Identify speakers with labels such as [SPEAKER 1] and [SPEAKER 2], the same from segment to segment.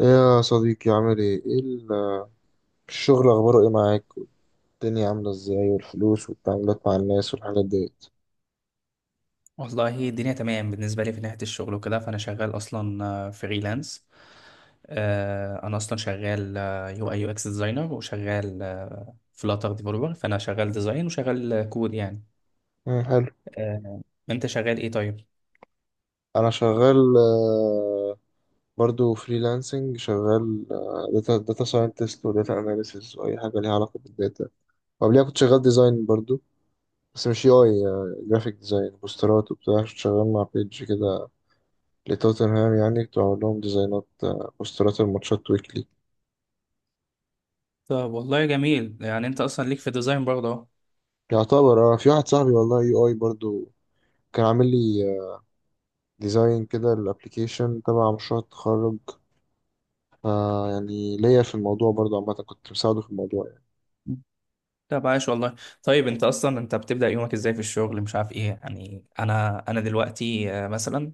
[SPEAKER 1] إيه يا صديقي عامل ايه؟ ايه الشغل اخباره ايه معاك؟ الدنيا عاملة ازاي والفلوس والتعاملات مع الناس والحاجات ديت.
[SPEAKER 2] والله الدنيا تمام بالنسبة لي في ناحية الشغل وكده، فأنا شغال أصلا فريلانس. أنا أصلا شغال يو أي يو إكس ديزاينر وشغال فلاتر ديفلوبر، فأنا شغال ديزاين وشغال كود يعني.
[SPEAKER 1] مم، حلو.
[SPEAKER 2] آه. أنت شغال إيه طيب؟
[SPEAKER 1] انا شغال، برضو فريلانسنج شغال. داتا ساينتست وداتا اناليسيس واي حاجة ليها علاقة بالداتا، وقبليها كنت شغال ديزاين برضو، بس مش يو اي، جرافيك ديزاين بوسترات وبتاع، كنت شغال مع بيج كده لتوتنهام. يعني كنت بعمل لهم ديزاينات، بوسترات الماتشات ويكلي.
[SPEAKER 2] طب والله جميل، يعني أنت أصلا ليك في الديزاين برضه أهو.
[SPEAKER 1] يعتبر اه، في واحد صاحبي والله يو اي برضو، كان عامل لي ديزاين كده الابليكيشن تبع مشروع التخرج. آه، يعني ليا في الموضوع برضه، عامة كنت مساعده في الموضوع يعني.
[SPEAKER 2] طب عايش والله. طيب أنت بتبدأ يومك إزاي في الشغل، مش عارف إيه يعني. أنا دلوقتي مثلا.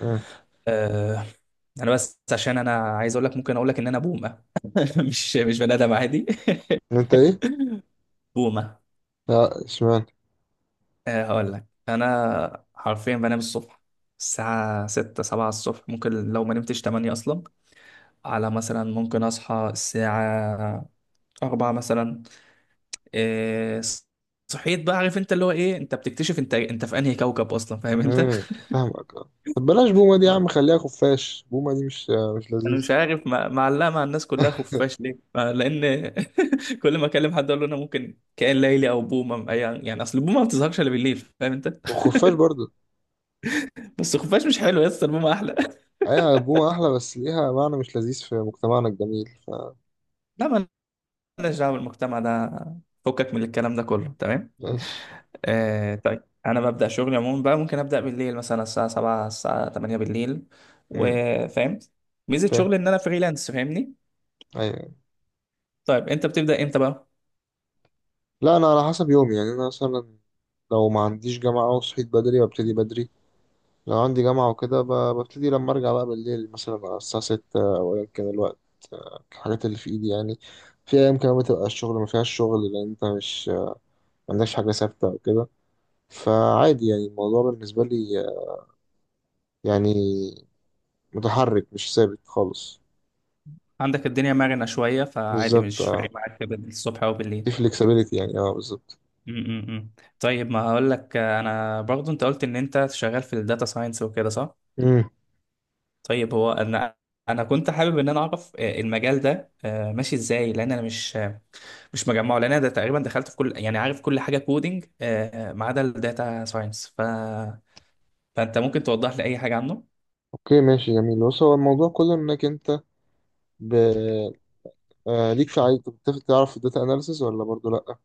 [SPEAKER 1] مم.
[SPEAKER 2] آه، انا بس عشان انا عايز اقول لك ممكن اقول لك ان انا بوم. مش بني ادم عادي.
[SPEAKER 1] انت ايه؟
[SPEAKER 2] بومة.
[SPEAKER 1] لا، اشمعنى؟
[SPEAKER 2] هقول لك انا حرفيا بنام الصبح، الساعة ستة سبعة الصبح، ممكن لو ما نمتش تمانية أصلا. على، مثلا ممكن أصحى الساعة أربعة مثلا. إيه، صحيت بقى، عارف أنت اللي هو إيه، أنت بتكتشف أنت في أنهي كوكب أصلا، فاهم أنت.
[SPEAKER 1] امم، فاهمك اه. طب بلاش بومة دي يا
[SPEAKER 2] آه.
[SPEAKER 1] عم، خليها خفاش، بومة دي مش مش
[SPEAKER 2] أنا
[SPEAKER 1] لذيذ.
[SPEAKER 2] مش عارف معلقة مع الناس كلها خفاش ليه، لأن كل ما أكلم حد أقول له أنا ممكن كائن ليلي أو بومة يعني أصل البومة ما بتظهرش إلا بالليل، فاهم أنت.
[SPEAKER 1] والخفاش برضه.
[SPEAKER 2] بس الخفاش مش حلو يا اسطى، المهم احلى.
[SPEAKER 1] ايوه، بومة احلى، بس ليها معنى مش لذيذ في مجتمعنا الجميل، ف
[SPEAKER 2] لا، ما لناش دعوه بالمجتمع ده، فكك من الكلام ده كله، تمام.
[SPEAKER 1] ماشي.
[SPEAKER 2] آه، طيب انا ببدا شغلي عموما بقى، ممكن ابدا بالليل مثلا الساعه 7 الساعه 8 بالليل.
[SPEAKER 1] امم.
[SPEAKER 2] وفاهم ميزه
[SPEAKER 1] فاهم.
[SPEAKER 2] شغلي ان انا فريلانس، فاهمني.
[SPEAKER 1] ايوه.
[SPEAKER 2] طيب انت بتبدا امتى بقى؟
[SPEAKER 1] لا انا على حسب يومي، يعني انا مثلا لو ما عنديش جامعة وصحيت بدري وابتدي بدري، لو عندي جامعة وكده ببتدي لما أرجع بقى بالليل مثلا على الساعة ستة أو أيا كان الوقت، الحاجات اللي في إيدي يعني. في أيام كمان بتبقى الشغل ما فيهاش شغل، لأن أنت مش ما عندكش حاجة ثابتة أو كده، فعادي يعني الموضوع بالنسبة لي يعني متحرك مش ثابت خالص.
[SPEAKER 2] عندك الدنيا مرنه شويه، فعادي
[SPEAKER 1] بالظبط
[SPEAKER 2] مش فارق
[SPEAKER 1] اه.
[SPEAKER 2] معاك الصبح او بالليل.
[SPEAKER 1] في flexibility يعني، اه بالظبط.
[SPEAKER 2] م- م- م. طيب ما هقول لك، انا برضو انت قلت ان انت شغال في الداتا ساينس وكده، صح؟
[SPEAKER 1] امم.
[SPEAKER 2] طيب هو انا كنت حابب ان انا اعرف المجال ده ماشي ازاي، لان انا مش مش مجمعه، لان انا ده تقريبا دخلت في كل، يعني عارف، كل حاجه كودينج ما عدا الداتا ساينس فانت ممكن توضح لي اي حاجه عنه؟
[SPEAKER 1] اوكي ماشي جميل، بص هو الموضوع كله انك انت ب... آه، ليك في، عايز تعرف الداتا اناليسز ولا برضو لا؟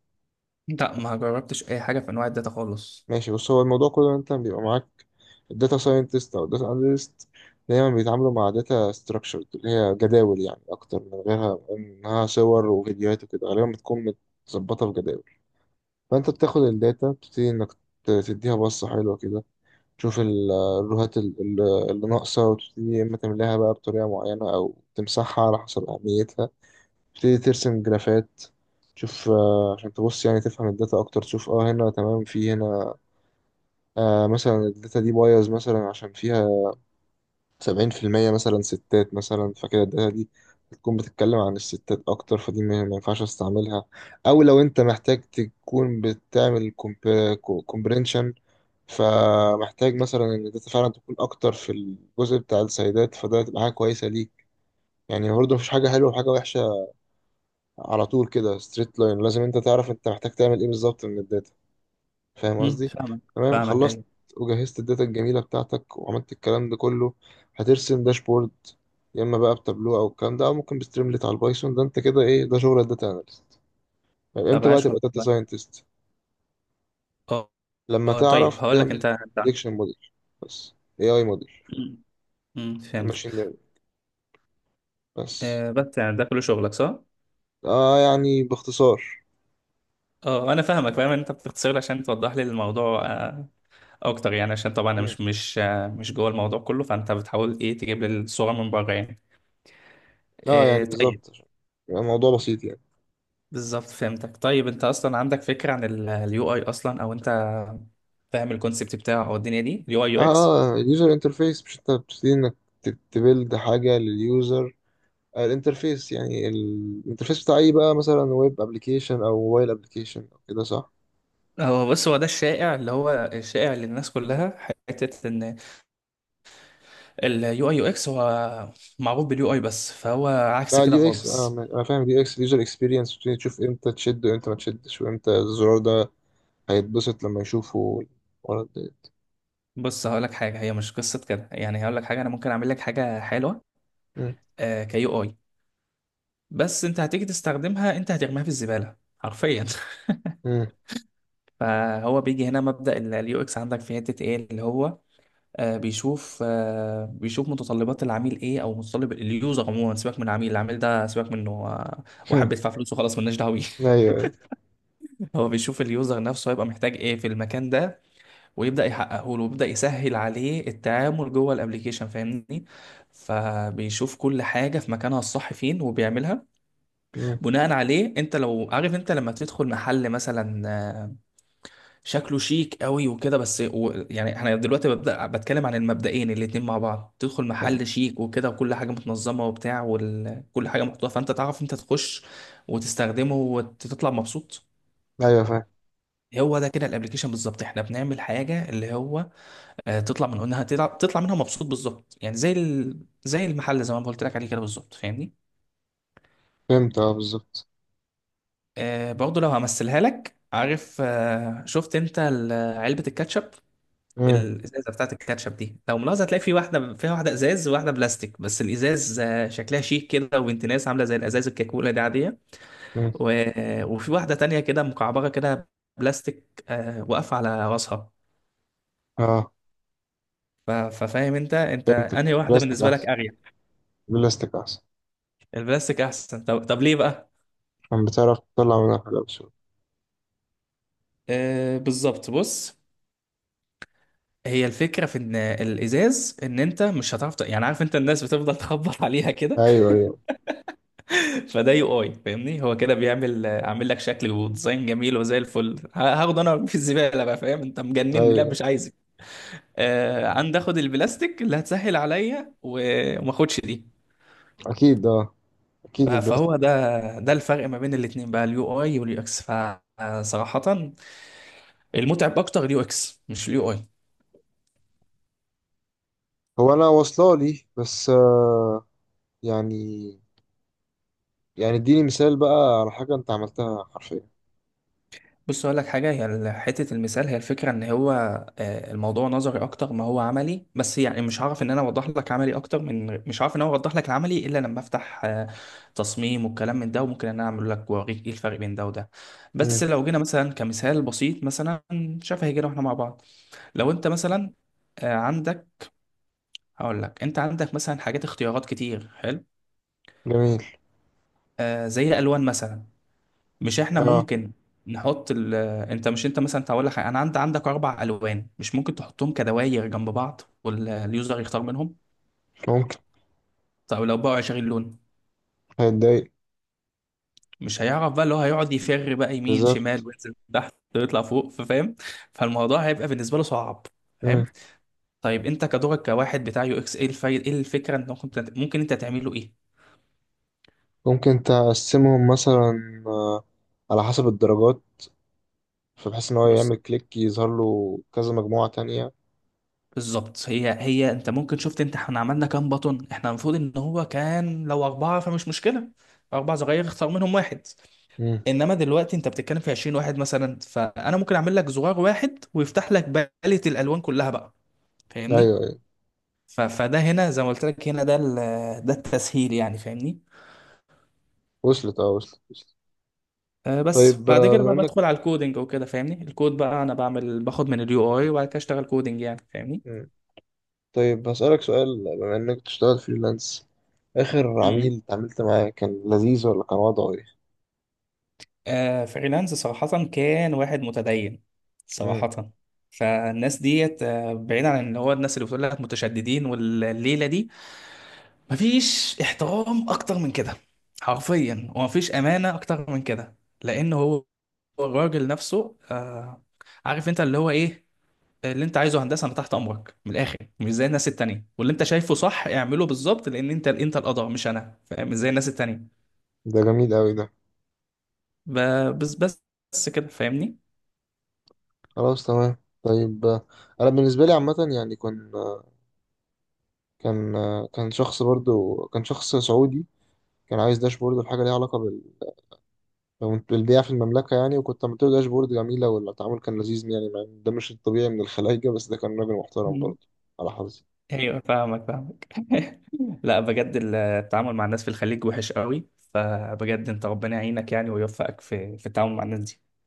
[SPEAKER 2] لا، ما جربتش اي حاجه في انواع الداتا خالص.
[SPEAKER 1] ماشي، بص هو الموضوع كله إن انت بيبقى معاك الداتا ساينتست او الداتا اناليست، دايما بيتعاملوا مع داتا ستراكشرد اللي هي جداول يعني، اكتر من غيرها انها صور وفيديوهات وكده، غالبا بتكون متظبطه في جداول. فانت بتاخد الداتا، بتبتدي انك تديها بصه حلوه كده، تشوف الروهات اللي ناقصه، وتبتدي يا اما تملاها بقى بطريقه معينه او تمسحها على حسب اهميتها. تبتدي ترسم جرافات، تشوف، آه، عشان تبص يعني تفهم الداتا اكتر، تشوف اه هنا تمام، في هنا آه، مثلا الداتا دي بايظ مثلا عشان فيها 70% مثلا ستات مثلا، فكده الداتا دي هتكون بتتكلم عن الستات أكتر، فدي ما ينفعش استعملها. أو لو أنت محتاج تكون بتعمل كومبرينشن، فمحتاج مثلا إن الداتا فعلا تكون أكتر في الجزء بتاع السيدات، فده هتبقى حاجة كويسة ليك. يعني برضه مفيش حاجة حلوة وحاجة وحشة على طول كده ستريت لاين، لازم أنت تعرف أنت محتاج تعمل إيه بالظبط من الداتا. فاهم قصدي؟
[SPEAKER 2] فاهمك
[SPEAKER 1] تمام،
[SPEAKER 2] فاهمك،
[SPEAKER 1] خلصت
[SPEAKER 2] ايوه.
[SPEAKER 1] وجهزت الداتا الجميلة بتاعتك وعملت الكلام ده كله، هترسم داشبورد يا اما بقى بتابلو او الكلام ده، او ممكن بستريملت على البايثون. ده انت كده، ايه ده؟ شغل الداتا اناليست. طيب
[SPEAKER 2] طب
[SPEAKER 1] امتى بقى
[SPEAKER 2] عاش
[SPEAKER 1] تبقى داتا
[SPEAKER 2] والله.
[SPEAKER 1] ساينتست؟
[SPEAKER 2] اه.
[SPEAKER 1] لما
[SPEAKER 2] طيب
[SPEAKER 1] تعرف
[SPEAKER 2] هقول لك
[SPEAKER 1] تعمل
[SPEAKER 2] انت
[SPEAKER 1] بريدكشن موديل، بس، اي موديل
[SPEAKER 2] مم،
[SPEAKER 1] الماشين
[SPEAKER 2] فهمتك.
[SPEAKER 1] ليرنينج، بس.
[SPEAKER 2] بس يعني ده كل شغلك، صح؟
[SPEAKER 1] اه يعني باختصار.
[SPEAKER 2] اه، انا فاهمك، فاهم ان انت بتختصر لي عشان توضح لي الموضوع اكتر، يعني عشان طبعا انا
[SPEAKER 1] مم.
[SPEAKER 2] مش جوه الموضوع كله، فانت بتحاول ايه، تجيب لي الصوره من بره يعني.
[SPEAKER 1] اه يعني
[SPEAKER 2] إيه، طيب.
[SPEAKER 1] بالظبط، عشان يبقى الموضوع بسيط يعني.
[SPEAKER 2] بالظبط فهمتك. طيب انت اصلا عندك فكره عن اليو اي اصلا، او انت فاهم الكونسبت بتاعه، او الدنيا دي اليو اي يو
[SPEAKER 1] اه.
[SPEAKER 2] اكس؟
[SPEAKER 1] اه، اليوزر انترفيس، مش انت بتبتدي انك تبيلد حاجة لليوزر، الانترفيس، يعني الانترفيس بتاع ايه بقى، مثلا ويب ابلكيشن او موبايل ابلكيشن او كده، صح؟
[SPEAKER 2] هو بص، هو ده الشائع، اللي هو الشائع للناس كلها حته ان اليو اي يو اكس هو معروف باليو اي، بس فهو عكس
[SPEAKER 1] لا،
[SPEAKER 2] كده
[SPEAKER 1] اليو اكس
[SPEAKER 2] خالص.
[SPEAKER 1] انا فاهم، اليو اكس اليوزر اكسبيرينس، تشوف امتى تشد وامتى ما تشدش، وامتى الزرار ده هيتبسط لما يشوفه الولد ده.
[SPEAKER 2] بص هقول لك حاجه، هي مش قصه كده يعني، هقول لك حاجه، انا ممكن اعمل لك حاجه حلوه
[SPEAKER 1] مم.
[SPEAKER 2] كيو اي، بس انت هتيجي تستخدمها، انت هترميها في الزبالة حرفيا.
[SPEAKER 1] مم.
[SPEAKER 2] فهو بيجي هنا مبدأ اليو اكس، عندك في حتة ايه اللي هو بيشوف متطلبات العميل ايه، او متطلب اليوزر عموما، سيبك من العميل، العميل ده سيبك منه واحد
[SPEAKER 1] مم.
[SPEAKER 2] بيدفع فلوسه، خلاص ملناش دعوه بيه.
[SPEAKER 1] ايوه، ايوه.
[SPEAKER 2] هو بيشوف اليوزر نفسه هيبقى محتاج ايه في المكان ده، ويبدأ يحققه له، ويبدأ يسهل عليه التعامل جوه الابليكيشن، فاهمني. فبيشوف كل حاجة في مكانها الصح فين وبيعملها.
[SPEAKER 1] مم.
[SPEAKER 2] بناء عليه، انت لو عارف، انت لما تدخل محل مثلا شكله شيك قوي وكده، بس و يعني احنا دلوقتي ببدأ بتكلم عن المبدئين الاتنين مع بعض، تدخل
[SPEAKER 1] يعني-.
[SPEAKER 2] محل شيك وكده وكل حاجة متنظمة وبتاع وكل حاجة محطوطة، فانت تعرف انت تخش وتستخدمه وتطلع مبسوط.
[SPEAKER 1] ايوه فاهم.
[SPEAKER 2] هو ده كده الابليكيشن بالظبط، احنا بنعمل حاجة اللي هو تطلع من انها تطلع منها مبسوط بالظبط، يعني زي زي المحل، زي ما أنا قلت لك عليه كده بالظبط، فاهمني.
[SPEAKER 1] فهمت، اه بالظبط.
[SPEAKER 2] برضه لو همثلها لك، عارف شفت انت علبة الكاتشب،
[SPEAKER 1] مم.
[SPEAKER 2] الازازة بتاعت الكاتشب دي لو ملاحظة، هتلاقي في واحدة فيها واحدة ازاز وواحدة بلاستيك، بس الازاز شكلها شيك كده وبنت ناس عاملة زي الازاز، الكاكولا دي عادية.
[SPEAKER 1] مم.
[SPEAKER 2] و... آه، وفي واحدة تانية كده مكعبرة كده بلاستيك واقفة على راسها.
[SPEAKER 1] اه.
[SPEAKER 2] ففاهم انت انهي واحدة
[SPEAKER 1] بلاستيك
[SPEAKER 2] بالنسبة لك
[SPEAKER 1] احسن،
[SPEAKER 2] اريح؟
[SPEAKER 1] بلاستيك احسن.
[SPEAKER 2] البلاستيك احسن. طب ليه بقى؟
[SPEAKER 1] عشان بتعرف تطلع منها حاجه بسهوله.
[SPEAKER 2] آه بالظبط، بص، هي الفكرة في ان الازاز، ان انت مش هتعرف يعني عارف انت الناس بتفضل تخبط عليها كده.
[SPEAKER 1] ايوه، ايوه،
[SPEAKER 2] فده يو اي فاهمني، هو كده بيعمل عامل لك شكل وديزاين جميل وزي الفل، هاخده انا في الزبالة بقى، فاهم انت؟ مجنني، لا
[SPEAKER 1] ايوه.
[SPEAKER 2] مش عايزك. عندي اخد البلاستيك اللي هتسهل عليا، و- وما اخدش دي.
[SPEAKER 1] اكيد اه، اكيد
[SPEAKER 2] فهو
[SPEAKER 1] البلاستيك.
[SPEAKER 2] ده الفرق ما بين الاتنين بقى، اليو اي واليو اكس، فصراحة المتعب اكتر اليو اكس، مش اليو اي.
[SPEAKER 1] هو انا واصله لي، بس آه، يعني، يعني اديني مثال بقى على حاجه انت عملتها حرفيا.
[SPEAKER 2] بص اقول لك حاجه، هي حته المثال، هي الفكره ان هو الموضوع نظري اكتر ما هو عملي، بس يعني مش هعرف ان انا اوضح لك عملي اكتر من، مش هعرف ان انا اوضح لك العملي الا لما افتح تصميم والكلام من ده، وممكن ان انا اعمل لك واوريك ايه الفرق بين ده وده.
[SPEAKER 1] مم.
[SPEAKER 2] بس لو جينا مثلا كمثال بسيط مثلا شفهي، جينا واحنا مع بعض، لو انت مثلا عندك، هقول لك انت عندك مثلا حاجات اختيارات كتير، حلو.
[SPEAKER 1] جميل.
[SPEAKER 2] زي الالوان مثلا، مش احنا
[SPEAKER 1] اه.
[SPEAKER 2] ممكن نحط انت مش انت مثلا هقول لك انا عندك اربع الوان، مش ممكن تحطهم كدواير جنب بعض واليوزر يختار منهم؟
[SPEAKER 1] ممكن.
[SPEAKER 2] طب لو بقى 20 لون،
[SPEAKER 1] هيتضايق.
[SPEAKER 2] مش هيعرف بقى، اللي هو هيقعد يفر بقى يمين شمال
[SPEAKER 1] بالظبط.
[SPEAKER 2] وينزل تحت ويطلع فوق، فاهم؟ فالموضوع هيبقى بالنسبه له صعب،
[SPEAKER 1] مم.
[SPEAKER 2] فاهم؟ طيب انت كدورك كواحد بتاع يو اكس، ايه الفايد، ايه الفكره، انت ممكن انت تعمله ايه؟
[SPEAKER 1] ممكن تقسمهم مثلا على حسب الدرجات، فبحيث ان هو
[SPEAKER 2] بص
[SPEAKER 1] يعمل كليك يظهر له كذا مجموعه تانية.
[SPEAKER 2] بالظبط، هي انت ممكن، شفت انت احنا عملنا كام بطن، احنا المفروض ان هو كان لو اربعه فمش مشكله، اربع صغير اختار منهم واحد.
[SPEAKER 1] مم.
[SPEAKER 2] انما دلوقتي انت بتتكلم في 20 واحد مثلا، فانا ممكن اعمل لك زرار واحد ويفتح لك باليت الالوان كلها بقى،
[SPEAKER 1] ايوه،
[SPEAKER 2] فاهمني.
[SPEAKER 1] ايوه.
[SPEAKER 2] فده هنا زي ما قلت لك، هنا ده ده التسهيل يعني، فاهمني.
[SPEAKER 1] وصلت اه، وصلت وصلت.
[SPEAKER 2] بس
[SPEAKER 1] طيب،
[SPEAKER 2] بعد
[SPEAKER 1] آه،
[SPEAKER 2] كده
[SPEAKER 1] بما
[SPEAKER 2] بقى
[SPEAKER 1] انك.
[SPEAKER 2] بدخل على الكودينج وكده، فاهمني. الكود بقى انا بعمل، باخد من اليو اي وبعد كده اشتغل كودينج يعني،
[SPEAKER 1] مم. طيب هسألك سؤال، بما انك بتشتغل فريلانس، اخر
[SPEAKER 2] فاهمني.
[SPEAKER 1] عميل اتعاملت معاه كان لذيذ ولا كان وضعه
[SPEAKER 2] آه فريلانس صراحة كان واحد متدين
[SPEAKER 1] ايه؟
[SPEAKER 2] صراحة. فالناس ديت، بعيد عن اللي هو الناس اللي بتقول لك متشددين والليلة دي، مفيش احترام أكتر من كده حرفيا، ومفيش أمانة أكتر من كده. لأن هو الراجل نفسه عارف أنت اللي هو إيه، اللي أنت عايزه، هندسة أنا تحت أمرك من الآخر، مش زي الناس التانية، واللي أنت شايفه صح اعمله بالظبط، لأن أنت القدر مش أنا، فاهم، مش زي الناس التانية.
[SPEAKER 1] ده جميل قوي ده.
[SPEAKER 2] بس كده، فاهمني.
[SPEAKER 1] خلاص، تمام. طيب، انا بالنسبه لي عامه يعني، كان آه، كان شخص برضو، كان شخص سعودي، كان عايز داشبورد وحاجه ليها علاقه بالبيع في المملكه يعني، وكنت عملت له داشبورد جميله، والتعامل كان لذيذ يعني، مع إن ده مش الطبيعي من الخلايجه، بس ده كان راجل محترم برضو، على حظي.
[SPEAKER 2] ايوه فاهمك فاهمك. لا بجد التعامل مع الناس في الخليج وحش قوي، فبجد انت ربنا يعينك يعني ويوفقك في التعامل مع الناس دي.